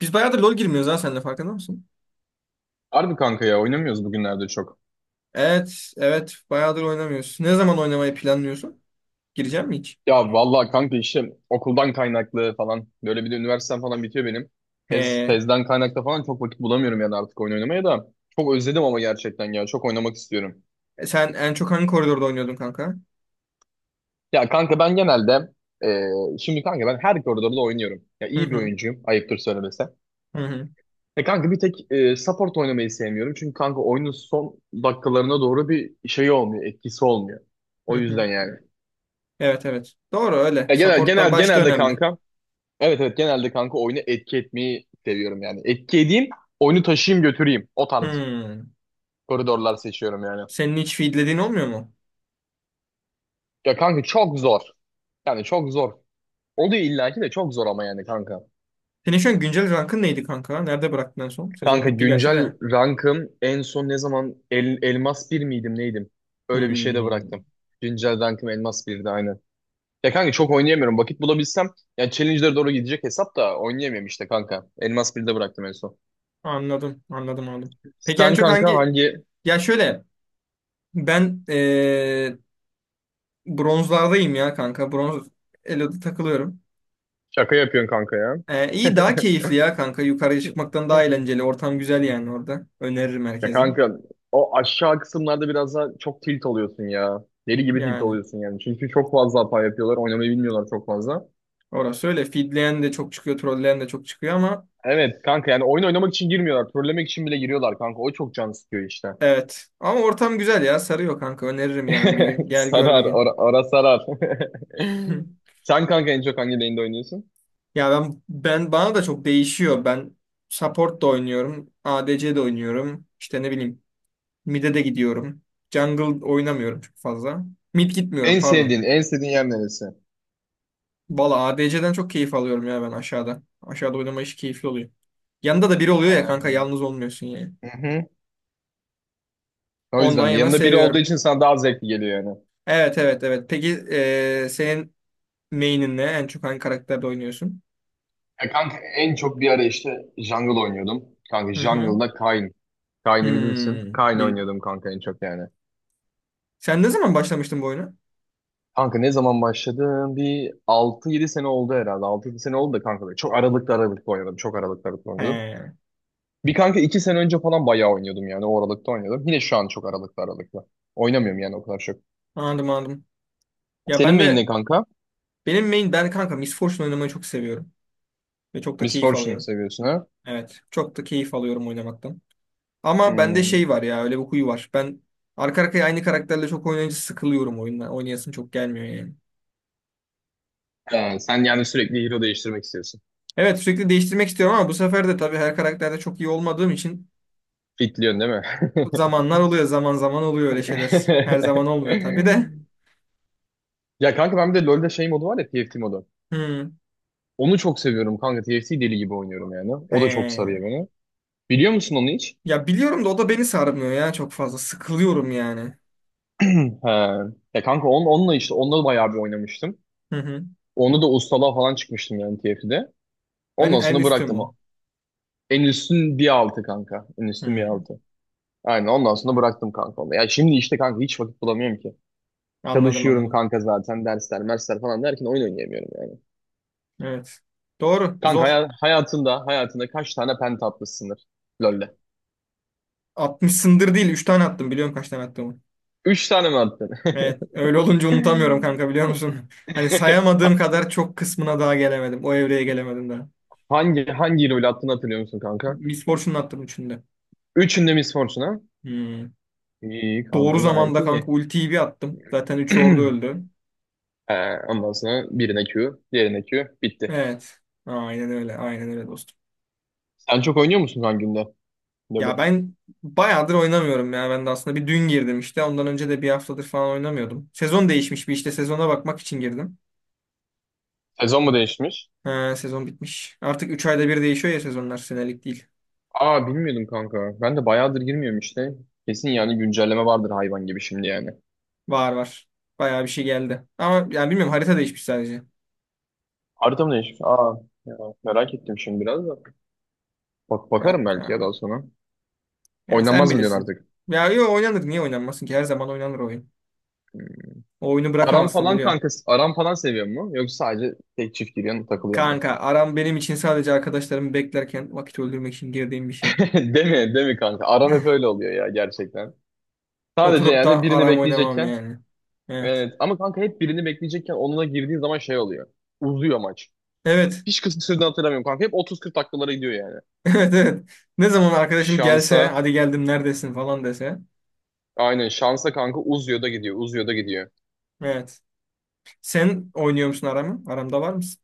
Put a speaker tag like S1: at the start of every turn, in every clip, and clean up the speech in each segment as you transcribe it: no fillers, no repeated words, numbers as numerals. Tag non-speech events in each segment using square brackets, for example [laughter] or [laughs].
S1: Biz bayağıdır LoL girmiyoruz ha seninle farkında mısın?
S2: Harbi kanka ya oynamıyoruz bugünlerde çok.
S1: Evet, evet. Bayağıdır oynamıyoruz. Ne zaman oynamayı planlıyorsun? Gireceğim mi hiç?
S2: Ya vallahi kanka işte okuldan kaynaklı falan. Böyle bir de üniversitem falan bitiyor benim. Tez,
S1: He.
S2: tezden kaynaklı falan çok vakit bulamıyorum yani artık oyun oynamaya da. Çok özledim ama gerçekten ya. Çok oynamak istiyorum.
S1: Sen en çok hangi koridorda oynuyordun kanka?
S2: Ya kanka ben genelde şimdi kanka ben her koridorda oynuyorum. Ya
S1: Hı
S2: iyi bir
S1: hı,
S2: oyuncuyum ayıptır söylemesi.
S1: hı hı,
S2: E kanka bir tek support oynamayı sevmiyorum. Çünkü kanka oyunun son dakikalarına doğru bir şey olmuyor. Etkisi olmuyor.
S1: hı
S2: O
S1: hı.
S2: yüzden yani.
S1: Evet, evet. Doğru öyle.
S2: Ya genel,
S1: Supportlar
S2: genel,
S1: başta
S2: genelde
S1: önemli.
S2: kanka. Evet, evet, genelde kanka oyunu etki etmeyi seviyorum yani. Etki edeyim, oyunu taşıyayım götüreyim. O tarz
S1: Hmm.
S2: koridorlar seçiyorum yani.
S1: Senin hiç feedlediğin olmuyor mu?
S2: Ya kanka çok zor. Yani çok zor. Oluyor illaki de çok zor ama yani kanka.
S1: Senin şu an güncel rankın neydi kanka? Nerede bıraktın en son? Sezon
S2: Kanka
S1: bitti gerçi
S2: güncel
S1: de.
S2: rankım en son ne zaman elmas bir miydim neydim? Öyle bir şeyde bıraktım.
S1: Hmm.
S2: Güncel rankım elmas birdi aynen. Ya kanka çok oynayamıyorum. Vakit bulabilsem yani challenge'lere doğru gidecek hesap da oynayamıyorum işte kanka. Elmas birde bıraktım en son.
S1: Anladım, anladım, anladım. Peki en
S2: Sen
S1: çok
S2: kanka
S1: hangi...
S2: hangi
S1: Ya şöyle, ben bronzlardayım ya kanka. Bronz Elo'da takılıyorum.
S2: Şaka yapıyorsun kanka ya?
S1: İyi daha
S2: [laughs]
S1: keyifli ya kanka. Yukarıya çıkmaktan daha eğlenceli. Ortam güzel yani orada. Öneririm
S2: Ya
S1: herkese.
S2: kanka o aşağı kısımlarda biraz daha çok tilt oluyorsun ya. Deli gibi tilt
S1: Yani
S2: oluyorsun yani. Çünkü çok fazla hata yapıyorlar. Oynamayı bilmiyorlar çok fazla.
S1: orası öyle. Feedleyen de çok çıkıyor. Trolleyen de çok çıkıyor ama
S2: Evet kanka yani oyun oynamak için girmiyorlar. Trollemek için bile giriyorlar kanka. O çok can sıkıyor işte.
S1: evet. Ama ortam güzel ya. Sarıyor kanka. Öneririm yani bir gün.
S2: [laughs]
S1: Gel gör bir
S2: Sarar.
S1: gün.
S2: Ara, ara sarar. [laughs]
S1: [laughs]
S2: Sen kanka en çok hangi lane'de oynuyorsun?
S1: Ya ben bana da çok değişiyor. Ben support da oynuyorum. ADC de oynuyorum. İşte ne bileyim. Mid'e de gidiyorum. Jungle oynamıyorum çok fazla. Mid gitmiyorum
S2: En
S1: pardon.
S2: sevdiğin, en sevdiğin yer neresi?
S1: Valla ADC'den çok keyif alıyorum ya ben aşağıda. Aşağıda oynama işi keyifli oluyor. Yanında da biri oluyor ya kanka
S2: Ee,
S1: yalnız olmuyorsun yani.
S2: hı hı. O
S1: Ondan
S2: yüzden
S1: yana
S2: yanında biri olduğu
S1: seviyorum.
S2: için sana daha zevkli geliyor yani.
S1: Evet, evet, evet. Peki senin main'in ne? En çok hangi karakterde oynuyorsun?
S2: Ya kanka en çok bir ara işte Jungle oynuyordum. Kanka
S1: Hı hı.
S2: Jungle'da Kayn. Kayn'ı bilirsin.
S1: Hmm.
S2: Kayn oynuyordum kanka en çok yani.
S1: Sen ne zaman başlamıştın bu oyuna?
S2: Kanka ne zaman başladım? Bir 6-7 sene oldu herhalde. 6-7 sene oldu da kanka. Çok aralıklı aralıklı oynadım. Çok aralıklı aralıklı oynadım.
S1: He.
S2: Bir kanka 2 sene önce falan bayağı oynuyordum yani. O aralıkta oynuyordum. Yine şu an çok aralıklı aralıklı. Oynamıyorum yani o kadar çok.
S1: Anladım, anladım. Ya
S2: Senin
S1: ben
S2: main ne
S1: de
S2: kanka?
S1: Benim main ben kanka Miss Fortune oynamayı çok seviyorum. Ve çok da
S2: Miss
S1: keyif
S2: Fortune
S1: alıyorum.
S2: seviyorsun ha?
S1: Evet. Çok da keyif alıyorum oynamaktan. Ama bende
S2: Hmm.
S1: şey var ya, öyle bir huyu var. Ben arka arkaya aynı karakterle çok oynayınca sıkılıyorum oyundan. Oynayasım çok gelmiyor yani.
S2: Ha, sen yani sürekli hero değiştirmek istiyorsun.
S1: Evet, sürekli değiştirmek istiyorum ama bu sefer de tabii her karakterde çok iyi olmadığım için
S2: Fitliyorsun değil mi?
S1: zamanlar oluyor, zaman zaman oluyor öyle şeyler. Her zaman olmuyor tabii de.
S2: [laughs] Ya kanka ben bir de LoL'de şey modu var ya TFT modu.
S1: Hmm.
S2: Onu çok seviyorum kanka. TFT deli gibi oynuyorum yani. O da çok sarıyor
S1: He.
S2: beni. Biliyor musun onu hiç?
S1: Ya biliyorum da o da beni sarmıyor ya çok fazla. Sıkılıyorum yani.
S2: [clears throat] He. Ya kanka onunla işte onunla bayağı bir oynamıştım.
S1: Hı hı.
S2: Onu da ustalığa falan çıkmıştım yani TFT'de.
S1: En,
S2: Ondan
S1: en
S2: sonra
S1: üstü
S2: bıraktım.
S1: mü o?
S2: En üstün bir altı kanka. En üstün bir
S1: Hmm.
S2: altı. Aynen ondan sonra bıraktım kanka onu. Ya şimdi işte kanka hiç vakit bulamıyorum ki.
S1: Anladım,
S2: Çalışıyorum
S1: anladım.
S2: kanka zaten dersler, mersler falan derken oyun oynayamıyorum yani.
S1: Evet. Doğru.
S2: Kanka
S1: Zor.
S2: hayatında kaç tane penta atmışsındır LoL'de?
S1: 60'sındır değil. Üç tane attım. Biliyorum kaç tane attım.
S2: Üç tane mi attın?
S1: Evet, öyle olunca unutamıyorum
S2: [laughs]
S1: kanka,
S2: [laughs]
S1: biliyor musun? [laughs] Hani
S2: Ha-
S1: sayamadığım kadar çok kısmına daha gelemedim. O evreye gelemedim daha.
S2: hangi rolü attığını hatırlıyor musun kanka?
S1: Misfortune'u attım üçünde.
S2: Üçünde Miss Fortuna.
S1: Hmm.
S2: İyi
S1: Doğru
S2: kanka gayet
S1: zamanda kanka
S2: iyi.
S1: ultiyi bir attım. Zaten üç ordu öldü.
S2: [clears throat] Ondan sonra birine Q, diğerine Q. Bitti.
S1: Evet. Aynen öyle. Aynen öyle dostum.
S2: Sen çok oynuyor musun kanka günde?
S1: Ya
S2: LoL'ü.
S1: ben bayağıdır oynamıyorum ya. Ben de aslında bir dün girdim işte. Ondan önce de bir haftadır falan oynamıyordum. Sezon değişmiş bir, işte sezona bakmak için girdim.
S2: Sezon mu değişmiş?
S1: Ha, sezon bitmiş. Artık 3 ayda bir değişiyor ya sezonlar. Senelik değil.
S2: Aa, bilmiyordum kanka. Ben de bayağıdır girmiyorum işte. Kesin yani güncelleme vardır hayvan gibi şimdi yani.
S1: Var var. Bayağı bir şey geldi. Ama yani bilmiyorum, harita değişmiş sadece.
S2: Harita mı değişmiş? Aa ya, merak ettim şimdi biraz da. Bak, bakarım
S1: Yok
S2: belki ya
S1: ya.
S2: daha sonra.
S1: Yani sen
S2: Oynanmaz mı diyorsun
S1: bilirsin.
S2: artık?
S1: Ya yo oynanır. Niye oynanmasın ki? Her zaman oynanır oyun. O oyunu
S2: Aram
S1: bırakamazsın
S2: falan
S1: biliyorsun.
S2: kanka, aram falan seviyor mu? Yoksa sadece tek çift giriyorsun, takılıyor mu?
S1: Kanka aram benim için sadece arkadaşlarımı beklerken vakit öldürmek için girdiğim bir şey.
S2: [laughs] Değil mi? Değil mi kanka? Aram hep
S1: [laughs]
S2: öyle oluyor ya gerçekten. Sadece
S1: Oturup da
S2: yani birini
S1: aram oynamam
S2: bekleyecekken,
S1: yani. Evet.
S2: evet, ama kanka hep birini bekleyecekken onunla girdiğin zaman şey oluyor. Uzuyor maç.
S1: Evet.
S2: Hiç
S1: [laughs]
S2: kısa süreden hatırlamıyorum kanka. Hep 30-40 dakikalara gidiyor yani.
S1: Evet, evet. Ne zaman arkadaşım gelse
S2: Şansa
S1: hadi geldim neredesin falan dese.
S2: aynen şansa kanka uzuyor da gidiyor. Uzuyor da gidiyor.
S1: Evet. Sen oynuyor musun aramı? Aramda var mısın?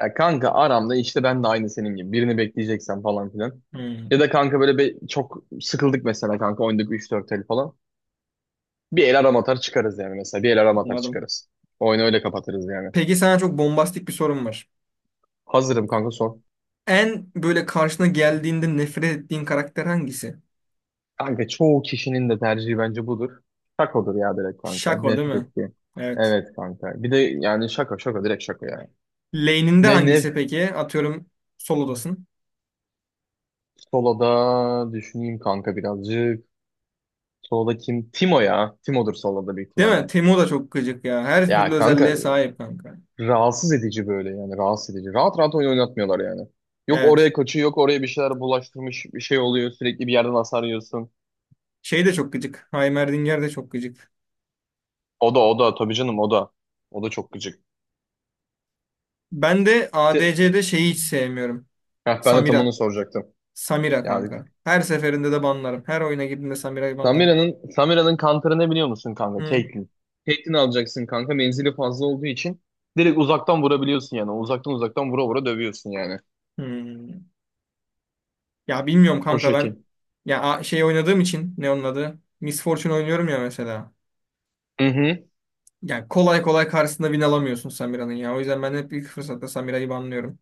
S2: Ya kanka aramda işte ben de aynı senin gibi. Birini bekleyeceksen falan filan. Ya
S1: Hmm,
S2: da kanka böyle çok sıkıldık mesela kanka oynadık üç dört el falan. Bir el arama atar çıkarız yani mesela. Bir el arama atar
S1: anladım.
S2: çıkarız. Oyunu öyle kapatırız yani.
S1: Peki sana çok bombastik bir sorum var.
S2: Hazırım kanka sor.
S1: En böyle karşına geldiğinde nefret ettiğin karakter hangisi?
S2: Kanka çoğu kişinin de tercihi bence budur. Şakodur ya direkt kanka.
S1: Şako değil
S2: Nefret
S1: mi?
S2: ettiğim.
S1: Evet.
S2: Evet kanka. Bir de yani şaka şaka direkt şaka yani.
S1: Lane'inde
S2: Ne ne
S1: hangisi peki? Atıyorum solodasın.
S2: solada düşüneyim kanka birazcık. Solda kim? Timo ya. Timo'dur solda büyük
S1: Değil mi?
S2: ihtimalle.
S1: Teemo da çok gıcık ya. Her
S2: Ya
S1: türlü
S2: kanka
S1: özelliğe sahip kanka.
S2: rahatsız edici böyle yani rahatsız edici. Rahat rahat oyun oynatmıyorlar yani. Yok
S1: Evet.
S2: oraya kaçıyor yok oraya bir şeyler bulaştırmış bir şey oluyor sürekli bir yerden hasar yiyorsun.
S1: Şey de çok gıcık. Heimerdinger de çok gıcık.
S2: O da o da tabii canım o da. O da çok gıcık.
S1: Ben de
S2: Te-
S1: ADC'de şeyi hiç sevmiyorum.
S2: Ben de tam onu
S1: Samira.
S2: soracaktım.
S1: Samira
S2: Yani
S1: kanka. Her seferinde de banlarım. Her oyuna girdiğimde Samira'yı banlarım.
S2: Samira'nın kantarı ne biliyor musun kanka?
S1: Hı.
S2: Caitlyn. Caitlyn alacaksın kanka menzili fazla olduğu için. Direkt uzaktan vurabiliyorsun yani. Uzaktan uzaktan vura vura dövüyorsun yani.
S1: Hmm. Ya bilmiyorum
S2: O
S1: kanka, ben
S2: şekil.
S1: şey oynadığım için, ne onun adı? Miss Fortune oynuyorum ya mesela.
S2: Hı hı.
S1: Yani kolay kolay karşısında win alamıyorsun Samira'nın ya. O yüzden ben hep ilk fırsatta Samira'yı banlıyorum.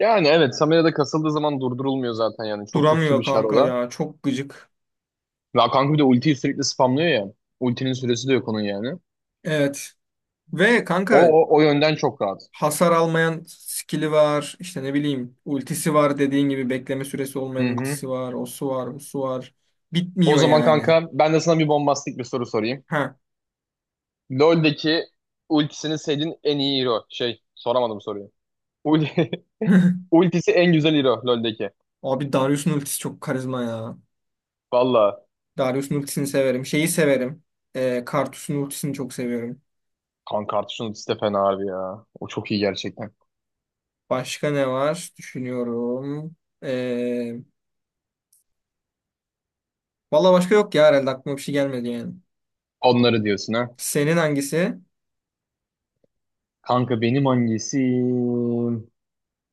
S2: Yani evet Samira da kasıldığı zaman durdurulmuyor zaten yani. Çok güçlü
S1: Duramıyor
S2: bir şar o
S1: kanka
S2: da.
S1: ya. Çok gıcık.
S2: Ve kanka bir de ultiyi sürekli spamlıyor ya. Ultinin süresi de yok onun yani.
S1: Evet. Ve
S2: O,
S1: kanka
S2: o, o yönden çok rahat.
S1: hasar almayan skill'i var. İşte ne bileyim, ultisi var, dediğin gibi bekleme süresi
S2: Hı
S1: olmayan
S2: hı.
S1: ultisi var. O su var, bu su var.
S2: O
S1: Bitmiyor
S2: zaman
S1: yani.
S2: kanka ben de sana bir bombastik bir soru sorayım.
S1: Ha.
S2: LoL'deki ultisini sevdiğin en iyi hero. Şey soramadım soruyu. Ul
S1: [laughs]
S2: [laughs] ultisi en güzel hero LoL'deki.
S1: Abi Darius'un ultisi çok karizma ya.
S2: Valla
S1: Darius'un ultisini severim. Şeyi severim. Karthus'un ultisini çok seviyorum.
S2: kanka Artuş'un ultisi de fena abi ya. O çok iyi gerçekten.
S1: Başka ne var? Düşünüyorum. Ee, Valla başka yok ya herhalde, aklıma bir şey gelmedi yani.
S2: Onları diyorsun ha.
S1: Senin hangisi?
S2: Kanka benim hangisi?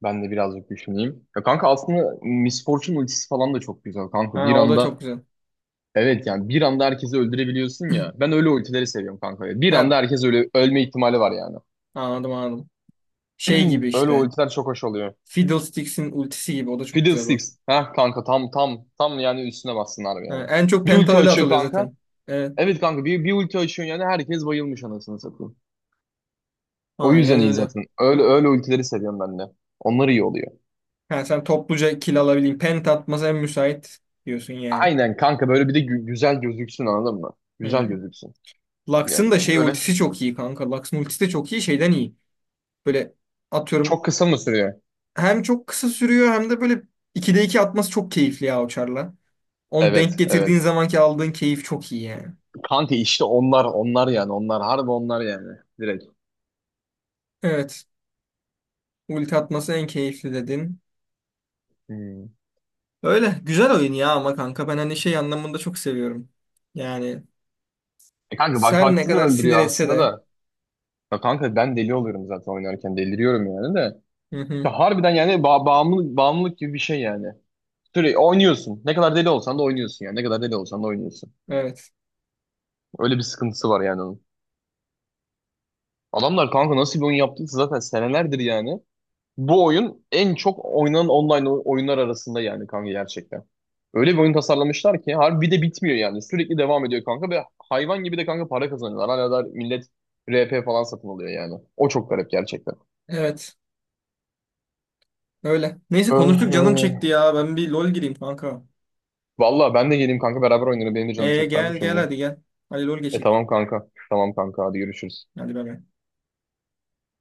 S2: Ben de birazcık düşüneyim. Ya kanka aslında Miss Fortune ultisi falan da çok güzel kanka.
S1: Ha,
S2: Bir
S1: o da
S2: anda,
S1: çok güzel.
S2: evet, yani bir anda herkesi öldürebiliyorsun ya. Ben öyle ultileri seviyorum kanka. Bir
S1: Ha,
S2: anda herkes öyle ölme ihtimali var yani.
S1: anladım, anladım. Şey gibi
S2: [clears throat] Öyle
S1: işte.
S2: ultiler çok hoş oluyor.
S1: Fiddlesticks'in ultisi gibi, o da çok güzel bak.
S2: Fiddlesticks. Ha kanka tam tam tam yani üstüne bassın harbi
S1: Ha,
S2: yani.
S1: en çok
S2: Bir
S1: penta
S2: ulti
S1: öyle
S2: açıyor
S1: atılıyor
S2: kanka.
S1: zaten. Evet.
S2: Evet kanka bir ulti açıyor yani herkes bayılmış anasını satayım. O
S1: Aynen
S2: yüzden iyi
S1: öyle.
S2: zaten. Öyle öyle ultileri seviyorum ben de. Onlar iyi oluyor.
S1: Ha, sen topluca kill alabilin. Penta atması en müsait diyorsun yani.
S2: Aynen kanka böyle bir de güzel gözüksün anladın mı? Güzel
S1: Hı.
S2: gözüksün. Yani
S1: Lux'ın da şey
S2: böyle
S1: ultisi çok iyi kanka. Lux'ın ultisi de çok iyi, şeyden iyi. Böyle atıyorum,
S2: çok kısa mı sürüyor?
S1: hem çok kısa sürüyor hem de böyle 2'de 2 atması çok keyifli ya o charla. Onu denk
S2: Evet,
S1: getirdiğin
S2: evet.
S1: zamanki aldığın keyif çok iyi yani.
S2: Kanka işte onlar onlar yani onlar harbi onlar yani direkt.
S1: Evet. Ulti atması en keyifli dedin.
S2: Hmm.
S1: Öyle. Güzel oyun ya ama kanka ben hani şey anlamında çok seviyorum. Yani
S2: E kanka bak
S1: sen ne
S2: baktığını
S1: kadar sinir
S2: öldürüyor
S1: etse
S2: aslında
S1: de.
S2: da. Ya kanka ben deli oluyorum zaten oynarken deliriyorum yani de.
S1: Hı hı.
S2: Ya harbiden yani bağımlılık gibi bir şey yani. Sürekli oynuyorsun. Ne kadar deli olsan da oynuyorsun yani. Ne kadar deli olsan da oynuyorsun.
S1: Evet.
S2: Öyle bir sıkıntısı var yani onun. Adamlar kanka nasıl bir oyun yaptıysa zaten senelerdir yani. Bu oyun en çok oynanan online oyunlar arasında yani kanka gerçekten. Öyle bir oyun tasarlamışlar ki harbi bir de bitmiyor yani. Sürekli devam ediyor kanka ve hayvan gibi de kanka para kazanıyorlar. Hala da millet RP falan satın alıyor yani. O çok garip gerçekten.
S1: Evet. Öyle. Neyse
S2: Öh,
S1: konuştuk, canım
S2: öh.
S1: çekti ya. Ben bir LOL gireyim kanka.
S2: Vallahi ben de geleyim kanka beraber oynarım. Benim de canım çekti abi
S1: Gel gel
S2: şimdi.
S1: hadi gel. Hadi LOL
S2: E
S1: geçek.
S2: tamam kanka. Tamam kanka hadi görüşürüz.
S1: Hadi bay bay.